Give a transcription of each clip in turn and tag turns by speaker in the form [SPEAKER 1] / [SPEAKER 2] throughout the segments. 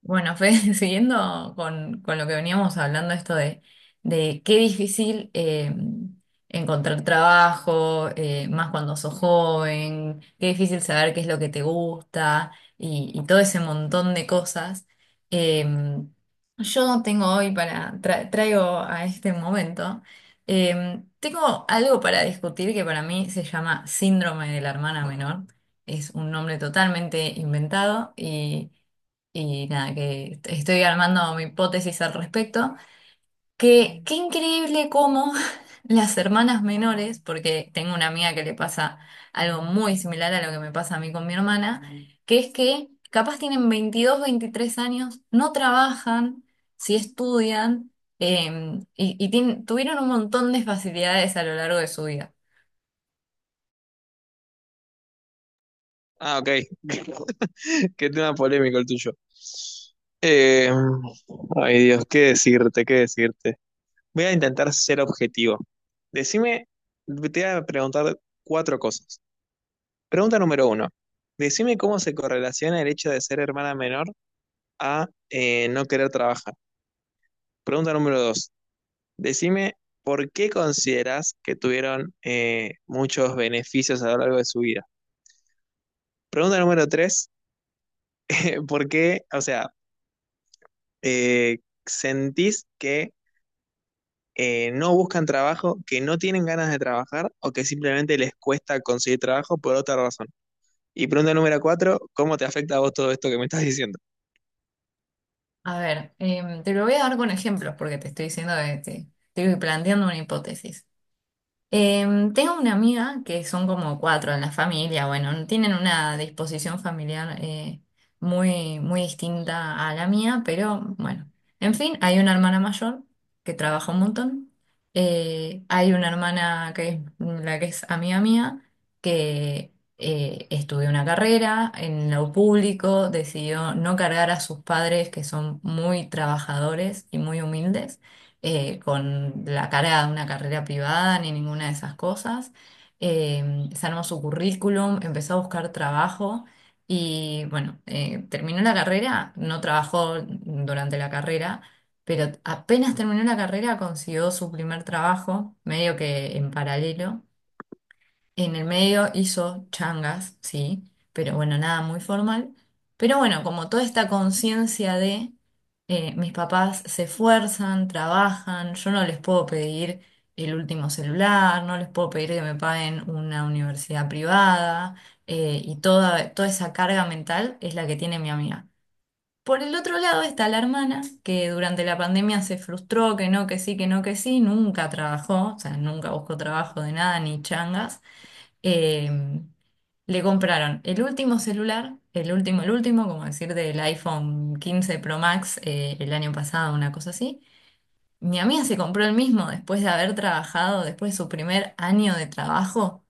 [SPEAKER 1] Bueno, Fede, siguiendo con lo que veníamos hablando, esto de qué difícil encontrar trabajo, más cuando sos joven, qué difícil saber qué es lo que te gusta y todo ese montón de cosas. Eh, yo tengo hoy traigo a este momento, tengo algo para discutir que para mí se llama síndrome de la hermana menor. Es un nombre totalmente inventado y nada, que estoy armando mi hipótesis al respecto. Que qué increíble cómo las hermanas menores, porque tengo una amiga que le pasa algo muy similar a lo que me pasa a mí con mi hermana, que es que capaz tienen 22 23 años, no trabajan, sí estudian, tuvieron un montón de facilidades a lo largo de su vida.
[SPEAKER 2] Ah, ok. Qué tema polémico el tuyo. Eh, Ay Dios, qué decirte, qué decirte. Voy a intentar ser objetivo. Decime, te voy a preguntar cuatro cosas. Pregunta número uno. Decime cómo se correlaciona el hecho de ser hermana menor a no querer trabajar. Pregunta número dos. Decime por qué consideras que tuvieron muchos beneficios a lo largo de su vida. Pregunta número tres. ¿Por qué? O sea, eh, ¿sentís que no buscan trabajo, que no tienen ganas de trabajar o que simplemente les cuesta conseguir trabajo por otra razón? Y pregunta número cuatro, ¿cómo te afecta a vos todo esto que me estás diciendo?
[SPEAKER 1] A ver, te lo voy a dar con ejemplos porque te estoy diciendo que te estoy planteando una hipótesis. Tengo una amiga que son como cuatro en la familia, bueno, tienen una disposición familiar muy, muy distinta a la mía, pero bueno, en fin, hay una hermana mayor que trabaja un montón, hay una hermana que es la que es amiga mía, que estudió una carrera en lo público, decidió no cargar a sus padres que son muy trabajadores y muy humildes con la cara de una carrera privada ni ninguna de esas cosas. Se armó su currículum, empezó a buscar trabajo y bueno, terminó la carrera, no trabajó durante la carrera, pero apenas terminó la carrera consiguió su primer trabajo, medio que en paralelo. En el medio hizo changas, sí, pero bueno, nada muy formal. Pero bueno, como toda esta conciencia de mis papás se esfuerzan, trabajan, yo no les puedo pedir el último celular, no les puedo pedir que me paguen una universidad privada, y toda, toda esa carga mental es la que tiene mi amiga. Por el otro lado está la hermana, que durante la pandemia se frustró, que no, que sí, que no, que sí, nunca trabajó, o sea, nunca buscó trabajo de nada ni changas eh, le compraron el último celular, el último, como decir, del iPhone 15 Pro Max el año pasado, una cosa así. Mi amiga se compró el mismo después de haber trabajado, después de su primer año de trabajo,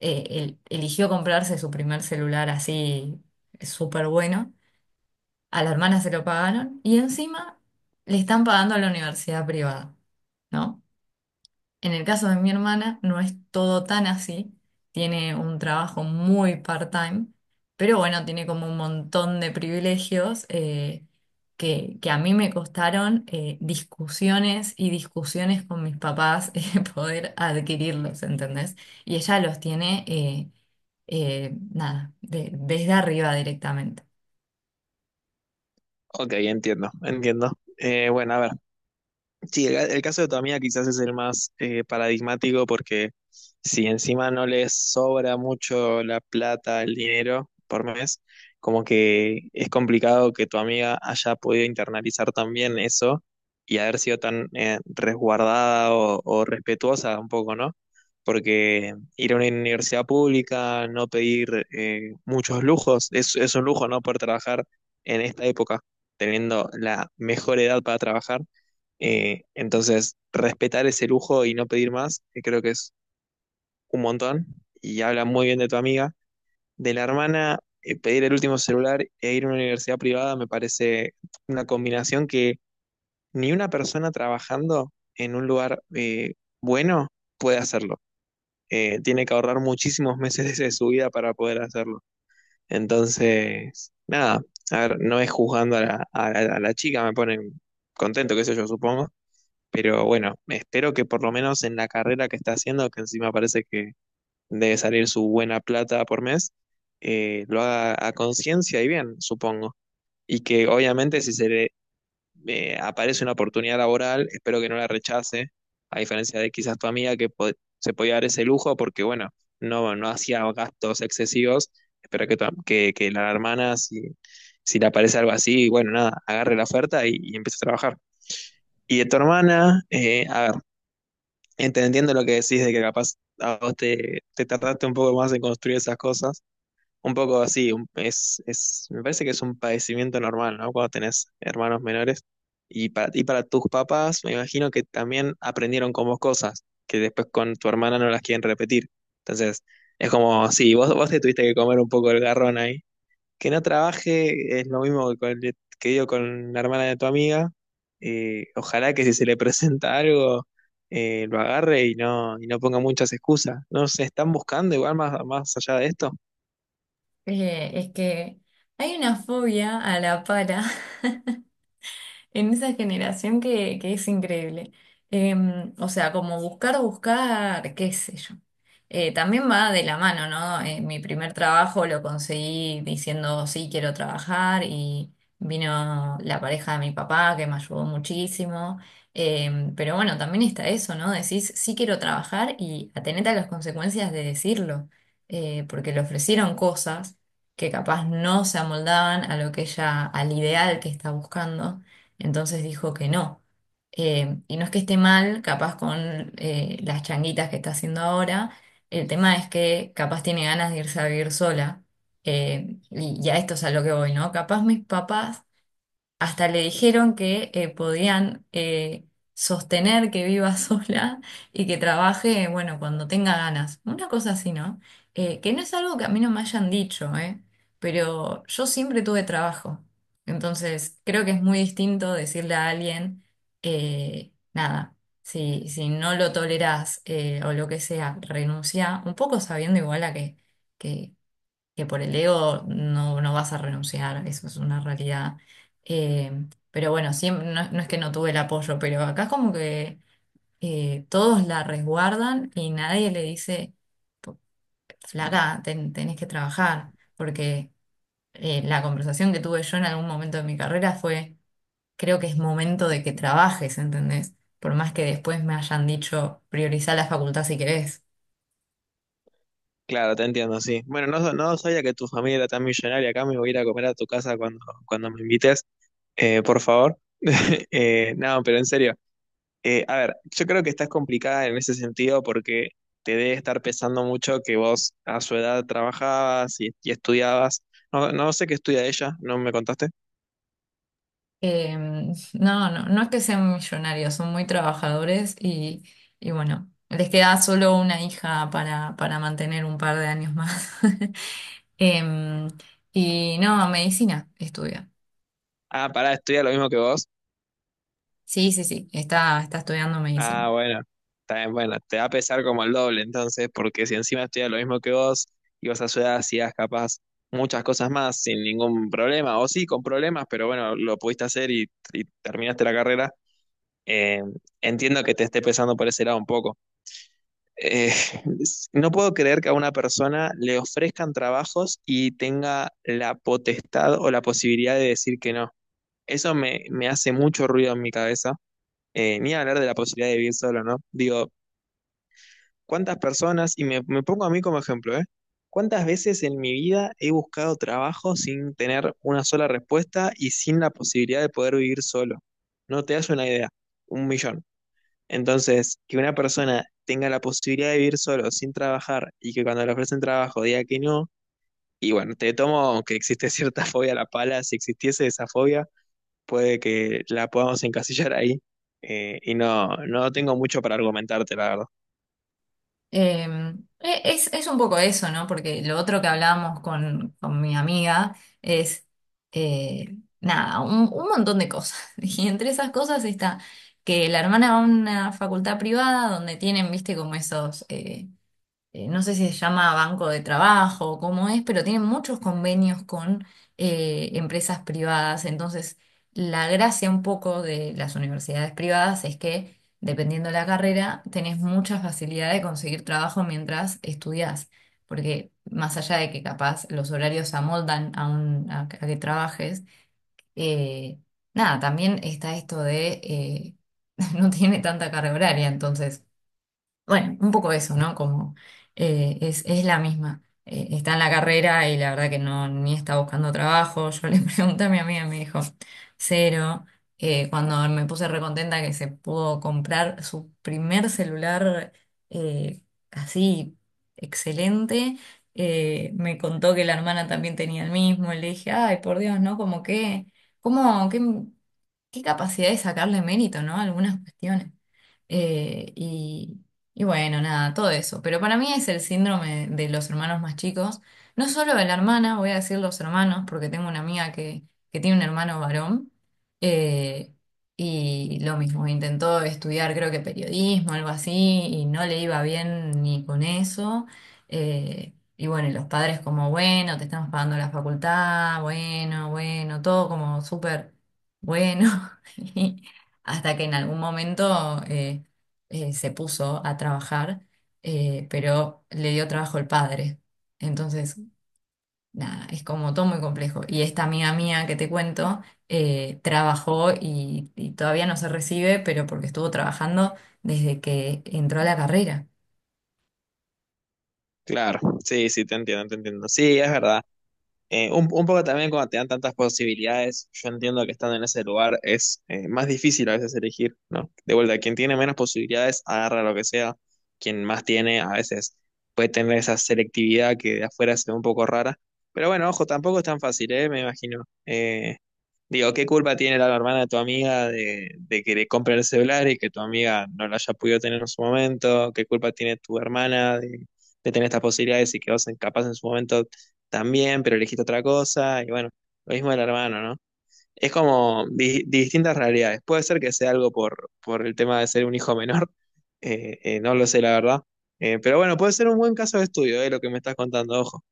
[SPEAKER 1] él eligió comprarse su primer celular así súper bueno. A la hermana se lo pagaron y encima le están pagando a la universidad privada, ¿no? En el caso de mi hermana no es todo tan así, tiene un trabajo muy part-time, pero bueno, tiene como un montón de privilegios que a mí me costaron discusiones y discusiones con mis papás poder adquirirlos, ¿entendés? Y ella los tiene, nada, desde arriba directamente.
[SPEAKER 2] Ok, entiendo, entiendo. Bueno, a ver. Sí, el caso de tu amiga quizás es el más paradigmático, porque si encima no les sobra mucho la plata, el dinero por mes, como que es complicado que tu amiga haya podido internalizar también eso y haber sido tan resguardada o respetuosa un poco, ¿no? Porque ir a una universidad pública, no pedir muchos lujos, es un lujo, ¿no? Poder trabajar en esta época, teniendo la mejor edad para trabajar, entonces, respetar ese lujo y no pedir más, que creo que es un montón, y habla muy bien de tu amiga. De la hermana, pedir el último celular e ir a una universidad privada me parece una combinación que ni una persona trabajando en un lugar, bueno, puede hacerlo. Tiene que ahorrar muchísimos meses de su vida para poder hacerlo. Entonces, nada, a ver, no es juzgando a la, a la chica, me ponen contento, qué sé yo, supongo. Pero bueno, espero que por lo menos en la carrera que está haciendo, que encima parece que debe salir su buena plata por mes, lo haga a conciencia y bien, supongo. Y que obviamente si se le aparece una oportunidad laboral, espero que no la rechace, a diferencia de quizás tu amiga que se podía dar ese lujo porque, bueno, no, no hacía gastos excesivos. Espero que, que la hermana, si, si le aparece algo así, bueno, nada, agarre la oferta y empiece a trabajar. Y de tu hermana, a ver. Entendiendo lo que decís de que capaz a vos te, te tardaste un poco más en construir esas cosas, un poco así, es, me parece que es un padecimiento normal, ¿no? Cuando tenés hermanos menores y para tus papás, me imagino que también aprendieron con vos cosas que después con tu hermana no las quieren repetir. Entonces, es como, sí, vos te tuviste que comer un poco el garrón ahí, que no trabaje es lo mismo que, que digo con la hermana de tu amiga. Ojalá que si se le presenta algo, lo agarre y no ponga muchas excusas. No se están buscando igual más, más allá de esto.
[SPEAKER 1] Es que hay una fobia a la pala en esa generación que es increíble. O sea, como buscar, buscar, qué sé yo. También va de la mano, ¿no? Mi primer trabajo lo conseguí diciendo, sí, quiero trabajar y vino la pareja de mi papá que me ayudó muchísimo. Pero bueno, también está eso, ¿no? Decís, sí quiero trabajar y atenete a las consecuencias de decirlo. Porque le ofrecieron cosas que capaz no se amoldaban a lo que ella, al ideal que está buscando. Entonces dijo que no. Y no es que esté mal, capaz con las changuitas que está haciendo ahora. El tema es que capaz tiene ganas de irse a vivir sola. Y a esto es a lo que voy, ¿no? Capaz mis papás hasta le dijeron que podían sostener que viva sola y que trabaje, bueno, cuando tenga ganas. Una cosa así, ¿no? Que no es algo que a mí no me hayan dicho, ¿eh? Pero yo siempre tuve trabajo. Entonces, creo que es muy distinto decirle a alguien, nada, si no lo tolerás o lo que sea, renuncia, un poco sabiendo igual a que por el ego no vas a renunciar, eso es una realidad. Eh, pero bueno, siempre, no es que no tuve el apoyo, pero acá es como que todos la resguardan y nadie le dice, flaca, tenés que trabajar, porque la conversación que tuve yo en algún momento de mi carrera fue, creo que es momento de que trabajes, ¿entendés? Por más que después me hayan dicho, priorizá la facultad si querés.
[SPEAKER 2] Claro, te entiendo, sí. Bueno, no, no sabía que tu familia era tan millonaria. Acá me voy a ir a comer a tu casa cuando, cuando me invites, por favor. No, pero en serio. A ver, yo creo que estás complicada en ese sentido porque te debe estar pesando mucho que vos a su edad trabajabas y estudiabas. No, no sé qué estudia ella, ¿no me contaste?
[SPEAKER 1] Eh, no, no, no es que sean millonarios, son muy trabajadores y bueno, les queda solo una hija para mantener un par de años más. Em, y no, medicina estudia.
[SPEAKER 2] Ah, pará, estudia lo mismo que vos.
[SPEAKER 1] Sí, sí, sí, está estudiando medicina.
[SPEAKER 2] Ah, bueno, está bien, bueno, te va a pesar como el doble entonces, porque si encima estudia lo mismo que vos y vos a su edad hacías capaz muchas cosas más sin ningún problema, o sí, con problemas, pero bueno, lo pudiste hacer y terminaste la carrera. Eh, Entiendo que te esté pesando por ese lado un poco. Eh, no puedo creer que a una persona le ofrezcan trabajos y tenga la potestad o la posibilidad de decir que no. Eso me, me hace mucho ruido en mi cabeza. Ni hablar de la posibilidad de vivir solo, ¿no? Digo, ¿cuántas personas, y me pongo a mí como ejemplo, ¿eh? ¿Cuántas veces en mi vida he buscado trabajo sin tener una sola respuesta y sin la posibilidad de poder vivir solo? No te das una idea, un millón. Entonces, que una persona tenga la posibilidad de vivir solo sin trabajar y que cuando le ofrecen trabajo diga que no, y bueno, te tomo que existe cierta fobia a la pala, si existiese esa fobia, puede que la podamos encasillar ahí. Y no, no tengo mucho para argumentarte, la verdad.
[SPEAKER 1] Eh, es un poco eso, ¿no? Porque lo otro que hablábamos con mi amiga es, eh, nada, un montón de cosas. Y entre esas cosas está que la hermana va a una facultad privada donde tienen, viste, como esos, no sé si se llama banco de trabajo o cómo es, pero tienen muchos convenios con empresas privadas. Entonces, la gracia un poco de las universidades privadas es que, dependiendo de la carrera, tenés mucha facilidad de conseguir trabajo mientras estudiás. Porque más allá de que capaz los horarios se amoldan a que trabajes, eh, nada, también está esto de no tiene tanta carga horaria, entonces bueno, un poco eso, ¿no? Como es la misma. Está en la carrera y la verdad que no, ni está buscando trabajo. Yo le pregunté a mi amiga y me dijo, cero. Cuando me puse recontenta que se pudo comprar su primer celular eh, así excelente, me contó que la hermana también tenía el mismo. Y le dije, ay, por Dios, ¿no? Como que, ¿cómo, qué capacidad de sacarle mérito, ¿no? Algunas cuestiones. Eh, y, y bueno, nada, todo eso. Pero para mí es el síndrome de los hermanos más chicos. No solo de la hermana, voy a decir los hermanos, porque tengo una amiga que tiene un hermano varón. eh, y lo mismo, intentó estudiar, creo que periodismo, algo así, y no le iba bien ni con eso. Y bueno, y los padres como, bueno, te estamos pagando la facultad, bueno, bueno, todo como súper bueno. Y hasta que en algún momento, se puso a trabajar, pero le dio trabajo el padre. Entonces, nada, es como todo muy complejo. Y esta amiga mía que te cuento, trabajó y todavía no se recibe, pero porque estuvo trabajando desde que entró a la carrera.
[SPEAKER 2] Claro, sí, sí, te entiendo, te entiendo. Sí, es verdad. Un poco también cuando te dan tantas posibilidades, yo entiendo que estando en ese lugar es más difícil a veces elegir, ¿no? De vuelta, quien tiene menos posibilidades agarra lo que sea, quien más tiene a veces puede tener esa selectividad que de afuera se ve un poco rara, pero bueno, ojo, tampoco es tan fácil, ¿eh? Me imagino. Digo, ¿qué culpa tiene la hermana de tu amiga de que le compre el celular y que tu amiga no lo haya podido tener en su momento? ¿Qué culpa tiene tu hermana de tener estas posibilidades y que vos capaz en su momento también, pero elegiste otra cosa? Y bueno, lo mismo del hermano, ¿no? Es como distintas realidades. Puede ser que sea algo por el tema de ser un hijo menor, no lo sé, la verdad. Pero bueno, puede ser un buen caso de estudio, lo que me estás contando, ojo.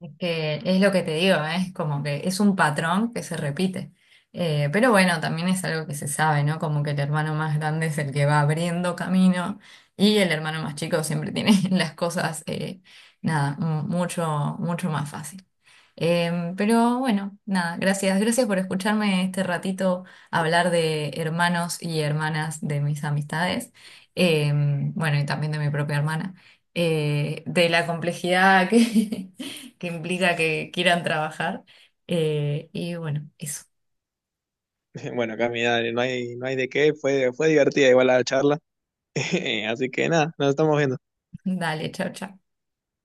[SPEAKER 1] Es que es lo que te digo, ¿eh? Es como que es un patrón que se repite. Pero bueno, también es algo que se sabe, ¿no? Como que el hermano más grande es el que va abriendo camino y el hermano más chico siempre tiene las cosas, nada, mucho, mucho más fácil. Pero bueno, nada, gracias, gracias por escucharme este ratito hablar de hermanos y hermanas de mis amistades. Eh, bueno, y también de mi propia hermana. De la complejidad que que implica que quieran trabajar. Y bueno, eso.
[SPEAKER 2] Bueno, Cami, dale, no hay de qué, fue divertida igual la charla. Así que nada, nos estamos viendo.
[SPEAKER 1] Dale, chao, chao.